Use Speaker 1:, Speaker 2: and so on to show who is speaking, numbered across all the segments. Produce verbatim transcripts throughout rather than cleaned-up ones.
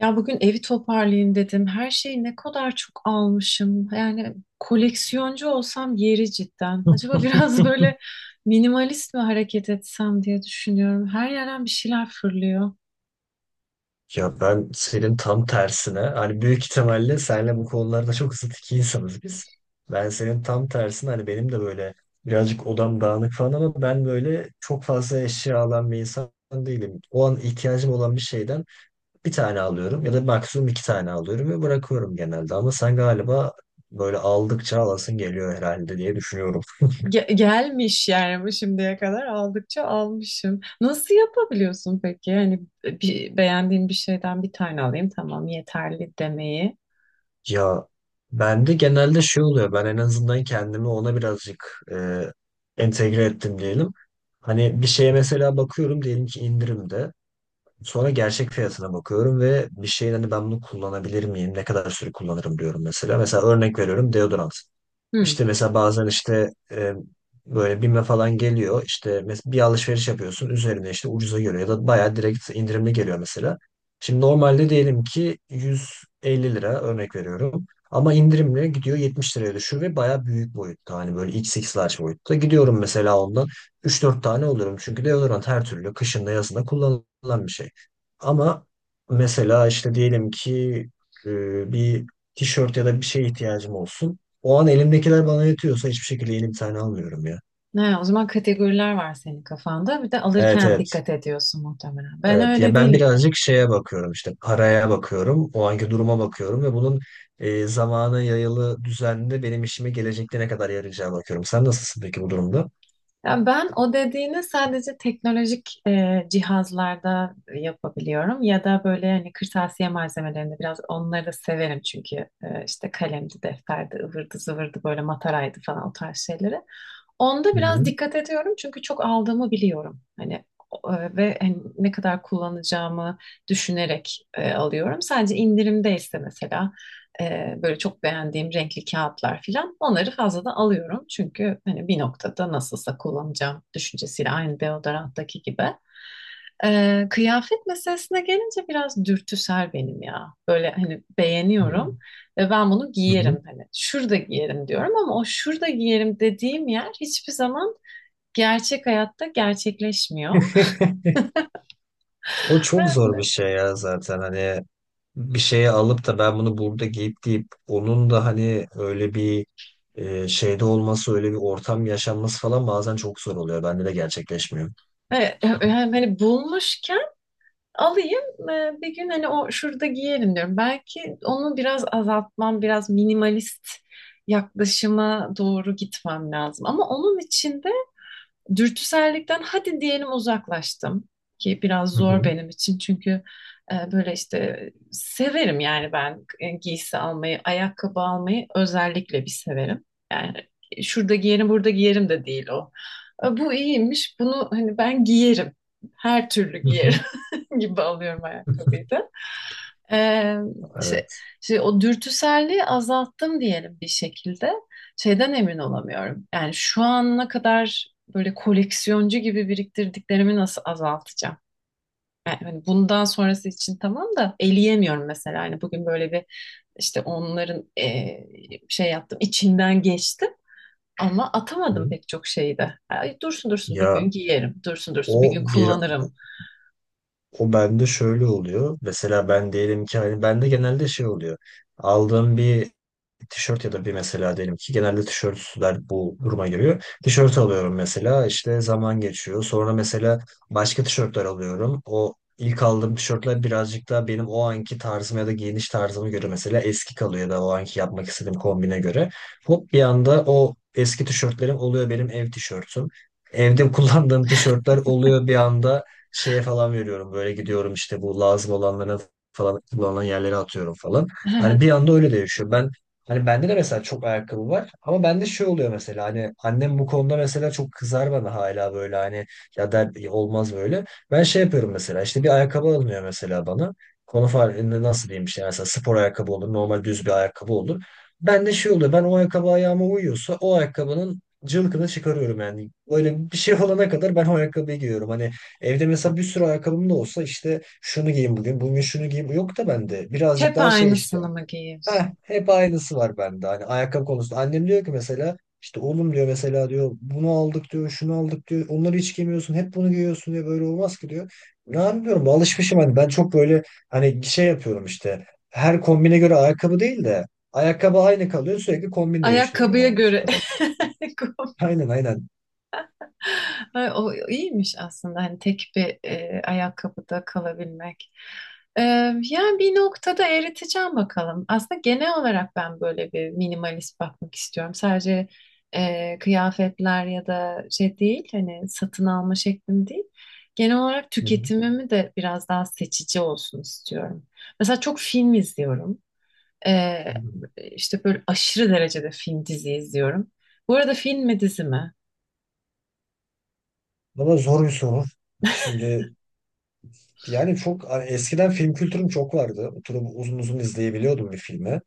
Speaker 1: Ya bugün evi toparlayayım dedim. Her şeyi ne kadar çok almışım. Yani koleksiyoncu olsam yeri cidden. Acaba biraz böyle minimalist mi hareket etsem diye düşünüyorum. Her yerden bir şeyler fırlıyor.
Speaker 2: Ya ben senin tam tersine hani büyük ihtimalle senle bu konularda çok zıt iki insanız biz. Ben senin tam tersine hani benim de böyle birazcık odam dağınık falan ama ben böyle çok fazla eşya alan bir insan değilim. O an ihtiyacım olan bir şeyden bir tane alıyorum ya da maksimum iki tane alıyorum ve bırakıyorum genelde. Ama sen galiba böyle aldıkça alasın geliyor herhalde diye düşünüyorum.
Speaker 1: Ge- gelmiş yani bu şimdiye kadar aldıkça almışım. Nasıl yapabiliyorsun peki? Yani bir, beğendiğin bir şeyden bir tane alayım tamam yeterli demeyi.
Speaker 2: Ya bende genelde şey oluyor. Ben en azından kendimi ona birazcık e, entegre ettim diyelim. Hani bir şeye mesela bakıyorum diyelim ki indirimde. Sonra gerçek fiyatına bakıyorum ve bir şeyin hani ben bunu kullanabilir miyim? Ne kadar süre kullanırım diyorum mesela. Mesela örnek veriyorum deodorant.
Speaker 1: Hmm.
Speaker 2: İşte mesela bazen işte e, böyle BİM'e falan geliyor. İşte mes- bir alışveriş yapıyorsun. Üzerine işte ucuza geliyor ya da bayağı direkt indirimli geliyor mesela. Şimdi normalde diyelim ki yüz elli lira örnek veriyorum. Ama indirimle gidiyor yetmiş liraya düşüyor ve bayağı büyük boyutta. Hani böyle iks iks large boyutta. Gidiyorum mesela ondan üç dört tane olurum. Çünkü deodorant her türlü kışında yazında kullanılan bir şey. Ama mesela işte diyelim ki e, bir tişört ya da bir şeye ihtiyacım olsun. O an elimdekiler bana yetiyorsa hiçbir şekilde yeni bir tane almıyorum ya.
Speaker 1: Ne, o zaman kategoriler var senin kafanda. Bir de
Speaker 2: Evet,
Speaker 1: alırken
Speaker 2: evet.
Speaker 1: dikkat ediyorsun muhtemelen. Ben
Speaker 2: Evet. Ya
Speaker 1: öyle
Speaker 2: ben
Speaker 1: değilim ya.
Speaker 2: birazcık şeye bakıyorum işte paraya bakıyorum. O anki duruma bakıyorum ve bunun e, zamana yayılı düzenli benim işime gelecekte ne kadar yarayacağı bakıyorum. Sen nasılsın peki bu durumda?
Speaker 1: Ya ben o dediğini sadece teknolojik e, cihazlarda yapabiliyorum ya da böyle hani kırtasiye malzemelerinde biraz onları da severim çünkü e, işte kalemdi, defterdi, ıvırdı zıvırdı böyle mataraydı falan o tarz şeyleri. Onda
Speaker 2: Hı
Speaker 1: biraz
Speaker 2: hı.
Speaker 1: dikkat ediyorum çünkü çok aldığımı biliyorum. Hani e, ve hani ne kadar kullanacağımı düşünerek e, alıyorum. Sadece indirimdeyse mesela e, böyle çok beğendiğim renkli kağıtlar filan onları fazladan alıyorum. Çünkü hani bir noktada nasılsa kullanacağım düşüncesiyle aynı deodoranttaki gibi. E, kıyafet meselesine gelince biraz dürtüsel benim ya. Böyle hani beğeniyorum
Speaker 2: Hı
Speaker 1: ve ben bunu
Speaker 2: hı.
Speaker 1: giyerim hani şurada giyerim diyorum ama o şurada giyerim dediğim yer hiçbir zaman gerçek hayatta gerçekleşmiyor.
Speaker 2: O çok
Speaker 1: Ben
Speaker 2: zor bir
Speaker 1: de,
Speaker 2: şey ya zaten hani bir şeye alıp da ben bunu burada giyip deyip onun da hani öyle bir e, şeyde olması, öyle bir ortam yaşanması falan bazen çok zor oluyor. Bende de gerçekleşmiyor.
Speaker 1: e, e, hani bulmuşken alayım, e, bir gün hani o şurada giyerim diyorum. Belki onu biraz azaltmam, biraz minimalist yaklaşıma doğru gitmem lazım. Ama onun için de dürtüsellikten hadi diyelim uzaklaştım ki biraz
Speaker 2: Hı
Speaker 1: zor
Speaker 2: hı.
Speaker 1: benim için çünkü e, böyle işte severim yani ben, e, giysi almayı, ayakkabı almayı özellikle bir severim. Yani şurada giyerim, burada giyerim de değil o. E, Bu iyiymiş. Bunu hani ben giyerim. Her türlü
Speaker 2: Hı hı.
Speaker 1: giyerim. gibi alıyorum ayakkabıyı da. Ee, şey,
Speaker 2: Evet.
Speaker 1: şey, O dürtüselliği azalttım diyelim bir şekilde. Şeyden emin olamıyorum. Yani şu ana kadar böyle koleksiyoncu gibi biriktirdiklerimi nasıl azaltacağım? Yani hani bundan sonrası için tamam da eleyemiyorum mesela. Hani bugün böyle bir işte onların e, şey yaptım, içinden geçtim. Ama atamadım
Speaker 2: Hı.
Speaker 1: pek çok şeyi de. Ay, dursun dursun bir gün
Speaker 2: Ya
Speaker 1: giyerim, dursun dursun bir
Speaker 2: o
Speaker 1: gün
Speaker 2: bir
Speaker 1: kullanırım.
Speaker 2: O bende şöyle oluyor. Mesela ben diyelim ki hani bende genelde şey oluyor. Aldığım bir tişört ya da bir mesela diyelim ki genelde tişörtler bu duruma giriyor. Tişört alıyorum mesela işte zaman geçiyor. Sonra mesela başka tişörtler alıyorum. O ilk aldığım tişörtler birazcık daha benim o anki tarzıma ya da giyiniş tarzıma göre mesela eski kalıyor ya da o anki yapmak istediğim kombine göre. Hop bir anda o eski tişörtlerim oluyor benim ev tişörtüm. Evde kullandığım tişörtler oluyor bir anda şeye falan veriyorum. Böyle gidiyorum işte bu lazım olanlara falan kullanılan yerlere atıyorum falan. Hani bir anda öyle değişiyor. Ben Hani bende de mesela çok ayakkabı var ama bende şey oluyor mesela hani annem bu konuda mesela çok kızar bana hala böyle hani ya der "Ya olmaz böyle." Ben şey yapıyorum mesela işte bir ayakkabı alınıyor mesela bana. Konu farkında nasıl diyeyim işte mesela spor ayakkabı olur normal düz bir ayakkabı olur. Bende şey oluyor ben o ayakkabı ayağıma uyuyorsa o ayakkabının cılkını çıkarıyorum yani. Böyle bir şey olana kadar ben o ayakkabıyı giyiyorum. Hani evde mesela bir sürü ayakkabım da olsa işte şunu giyeyim bugün, bugün şunu giyeyim. Yok da bende birazcık
Speaker 1: Hep
Speaker 2: daha şey işte.
Speaker 1: aynısını mı
Speaker 2: Heh,
Speaker 1: giyiyorsun?
Speaker 2: hep aynısı var bende. Hani ayakkabı konusunda. Annem diyor ki mesela işte oğlum diyor mesela diyor bunu aldık diyor şunu aldık diyor. Onları hiç giymiyorsun. Hep bunu giyiyorsun diyor. Böyle olmaz ki diyor. Ne yapıyorum? Alışmışım hani. Ben çok böyle hani şey yapıyorum işte. Her kombine göre ayakkabı değil de ayakkabı aynı kalıyor. Sürekli kombin değiştiriyorum
Speaker 1: Ayakkabıya
Speaker 2: ama mesela
Speaker 1: göre.
Speaker 2: ben.
Speaker 1: Kom-
Speaker 2: Aynen, aynen.
Speaker 1: Ay, o iyiymiş aslında hani tek bir e, ayakkabıda kalabilmek. E, Yani bir noktada eriteceğim bakalım. Aslında genel olarak ben böyle bir minimalist bakmak istiyorum. Sadece e, kıyafetler ya da şey değil, hani satın alma şeklim değil. Genel olarak
Speaker 2: Hı hı.
Speaker 1: tüketimimi de biraz daha seçici olsun istiyorum. Mesela çok film izliyorum.
Speaker 2: Hı
Speaker 1: Ee,
Speaker 2: hı.
Speaker 1: işte böyle aşırı derecede film dizi izliyorum. Bu arada film mi dizi mi?
Speaker 2: Valla zor bir soru. Şimdi yani çok hani eskiden film kültürüm çok vardı. Oturup uzun uzun izleyebiliyordum bir filmi.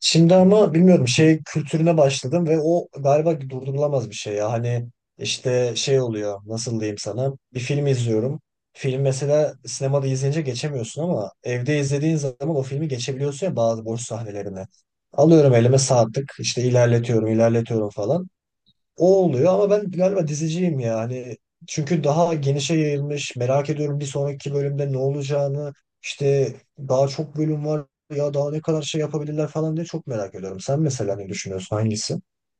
Speaker 2: Şimdi ama bilmiyorum şey kültürüne başladım ve o galiba durdurulamaz bir şey ya. Hani işte şey oluyor nasıl diyeyim sana bir film izliyorum. Film mesela sinemada izleyince geçemiyorsun ama evde izlediğin zaman o filmi geçebiliyorsun ya bazı boş sahnelerini. Alıyorum elime saatlik işte ilerletiyorum ilerletiyorum falan. O oluyor ama ben galiba diziciyim yani. Çünkü daha genişe yayılmış. Merak ediyorum bir sonraki bölümde ne olacağını. İşte daha çok bölüm var. Ya daha ne kadar şey yapabilirler falan diye çok merak ediyorum. Sen mesela ne düşünüyorsun? Hangisi?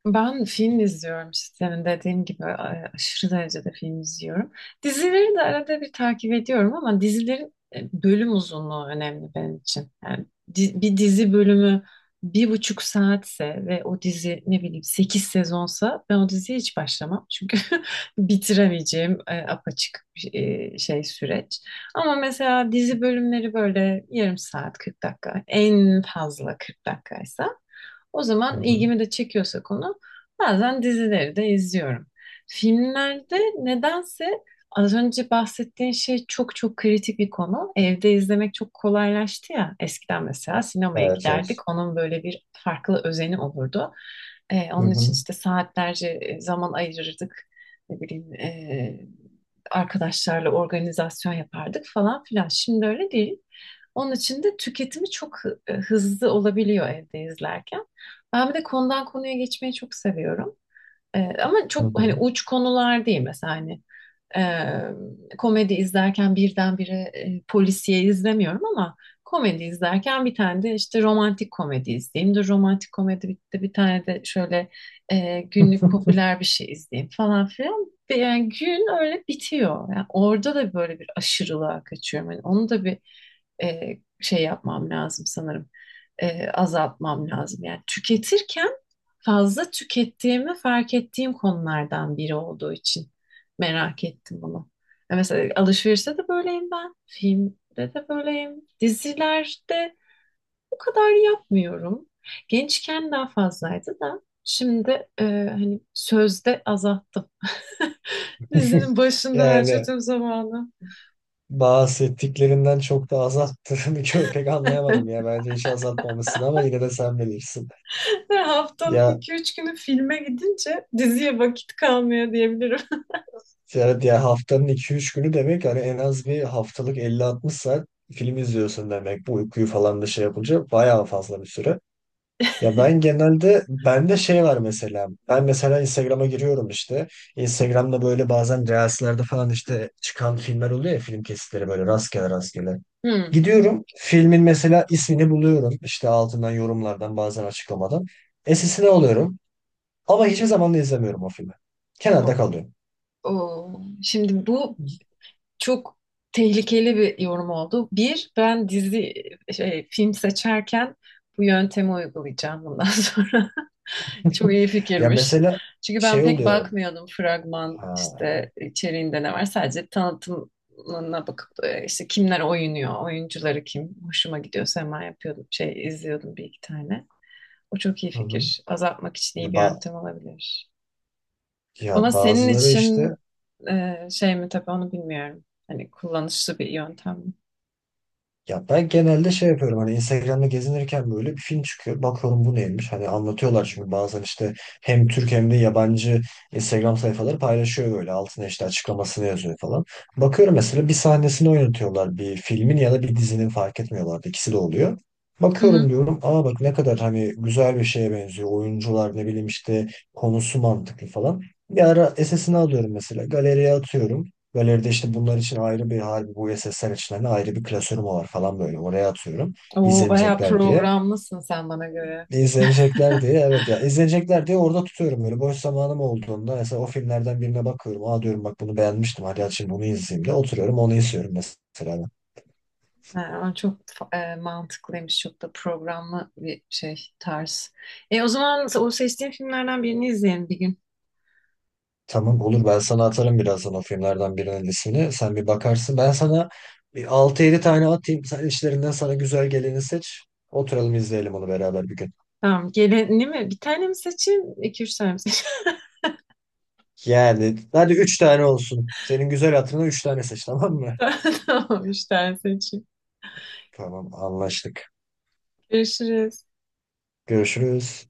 Speaker 1: Ben film izliyorum işte senin dediğin gibi, e, aşırı derecede film izliyorum. Dizileri de arada bir takip ediyorum ama dizilerin e, bölüm uzunluğu önemli benim için. Yani di- bir dizi bölümü bir buçuk saatse ve o dizi ne bileyim sekiz sezonsa ben o diziye hiç başlamam. Çünkü bitiremeyeceğim e, apaçık bir e, şey süreç. Ama mesela dizi bölümleri böyle yarım saat kırk dakika en fazla kırk dakikaysa, o
Speaker 2: Hı
Speaker 1: zaman
Speaker 2: hı.
Speaker 1: ilgimi de çekiyorsa konu, bazen dizileri de izliyorum. Filmlerde nedense az önce bahsettiğin şey çok çok kritik bir konu. Evde izlemek çok kolaylaştı ya. Eskiden mesela sinemaya
Speaker 2: Evet, evet.
Speaker 1: giderdik. Onun böyle bir farklı özeni olurdu. Ee,
Speaker 2: Hı
Speaker 1: onun için
Speaker 2: hı.
Speaker 1: işte saatlerce e, zaman ayırırdık. Ne bileyim, ee, arkadaşlarla organizasyon yapardık falan filan. Şimdi öyle değil. Onun için de tüketimi çok hı- hızlı olabiliyor evde izlerken. Ben bir de konudan konuya geçmeyi çok seviyorum. Ee, ama
Speaker 2: Hı
Speaker 1: çok
Speaker 2: hı.
Speaker 1: hani uç konular değil mesela, hani e, komedi izlerken birdenbire e, polisiye izlemiyorum ama komedi izlerken bir tane de işte romantik komedi izleyeyim de romantik komedi bitti bir tane de şöyle e, günlük popüler bir şey izleyeyim falan filan. Ve yani gün öyle bitiyor. Yani orada da böyle bir aşırılığa kaçıyorum. Yani onu da bir e, şey yapmam lazım sanırım. E, azaltmam lazım. Yani tüketirken fazla tükettiğimi fark ettiğim konulardan biri olduğu için merak ettim bunu. Ya mesela alışverişte de böyleyim ben. Filmde de böyleyim. Dizilerde bu kadar yapmıyorum. Gençken daha fazlaydı da şimdi, e, hani sözde azalttım. Dizinin başında
Speaker 2: Yani
Speaker 1: harcadığım zamanı.
Speaker 2: bahsettiklerinden çok da azalttığını pek anlayamadım ya. Bence hiç azaltmamışsın ama yine de sen bilirsin.
Speaker 1: Ve haftanın
Speaker 2: Ya
Speaker 1: iki üç günü filme gidince diziye vakit kalmıyor diyebilirim.
Speaker 2: yani diğer haftanın iki üç günü demek hani en az bir haftalık elli altmış saat film izliyorsun demek. Bu uykuyu falan da şey yapınca bayağı fazla bir süre. Ya ben genelde bende şey var mesela. Ben mesela Instagram'a giriyorum işte. Instagram'da böyle bazen reelslerde falan işte çıkan filmler oluyor ya film kesitleri böyle rastgele rastgele.
Speaker 1: Hmm.
Speaker 2: Gidiyorum filmin mesela ismini buluyorum. İşte altından yorumlardan bazen açıklamadan. Esisine alıyorum. Ama hiçbir zaman da izlemiyorum o filmi. Kenarda
Speaker 1: O-
Speaker 2: kalıyor.
Speaker 1: Şimdi bu çok tehlikeli bir yorum oldu. Bir, ben dizi şey, film seçerken bu yöntemi uygulayacağım bundan sonra. Çok iyi
Speaker 2: Ya
Speaker 1: fikirmiş.
Speaker 2: mesela
Speaker 1: Çünkü ben
Speaker 2: şey
Speaker 1: pek
Speaker 2: oluyor.
Speaker 1: bakmıyordum fragman
Speaker 2: Ha,
Speaker 1: işte içeriğinde ne var. Sadece tanıtımına bakıp e, işte kimler oynuyor, oyuncuları kim, hoşuma gidiyorsa hemen yapıyordum. Şey izliyordum bir iki tane. O çok iyi
Speaker 2: hı hı.
Speaker 1: fikir. Azaltmak için
Speaker 2: Ya,
Speaker 1: iyi bir
Speaker 2: ba-
Speaker 1: yöntem olabilir. Ama
Speaker 2: ya
Speaker 1: senin
Speaker 2: bazıları işte.
Speaker 1: için e, şey mi tabii onu bilmiyorum. Hani kullanışlı bir yöntem mi?
Speaker 2: Ya ben genelde şey yapıyorum hani Instagram'da gezinirken böyle bir film çıkıyor. Bakıyorum bu neymiş? Hani anlatıyorlar çünkü bazen işte hem Türk hem de yabancı Instagram sayfaları paylaşıyor böyle. Altına işte açıklamasını yazıyor falan. Bakıyorum mesela bir sahnesini oynatıyorlar bir filmin ya da bir dizinin fark etmiyorlar. İkisi de oluyor.
Speaker 1: Hı
Speaker 2: Bakıyorum
Speaker 1: hı.
Speaker 2: diyorum aa bak ne kadar hani güzel bir şeye benziyor. Oyuncular ne bileyim işte konusu mantıklı falan. Bir ara S S'ini alıyorum mesela galeriye atıyorum. Galeride işte bunlar için ayrı bir harbi bu sesler için hani ayrı bir klasörüm var falan böyle. Oraya atıyorum.
Speaker 1: Oo, bayağı
Speaker 2: İzlenecekler diye.
Speaker 1: programlısın sen bana göre.
Speaker 2: İzlenecekler diye, evet, ya izlenecekler diye orada tutuyorum böyle boş zamanım olduğunda mesela o filmlerden birine bakıyorum aa diyorum bak bunu beğenmiştim hadi aç şimdi bunu izleyeyim de oturuyorum onu izliyorum mesela.
Speaker 1: Ha, o çok e, mantıklıymış. Çok da programlı bir şey tarz. E, o zaman o seçtiğin filmlerden birini izleyelim bir gün.
Speaker 2: Tamam, olur, ben sana atarım birazdan o filmlerden birinin ismini sen bir bakarsın ben sana bir altı yedi tane atayım sen içlerinden sana güzel geleni seç oturalım izleyelim onu beraber bir gün.
Speaker 1: Tamam. Geleni mi? Bir tane mi seçeyim? İki üç tane mi seçeyim?
Speaker 2: Yani hadi üç tane olsun. Senin güzel hatırına üç tane seç, tamam mı?
Speaker 1: Tamam. Üç tane seçeyim.
Speaker 2: Tamam, anlaştık.
Speaker 1: Görüşürüz.
Speaker 2: Görüşürüz.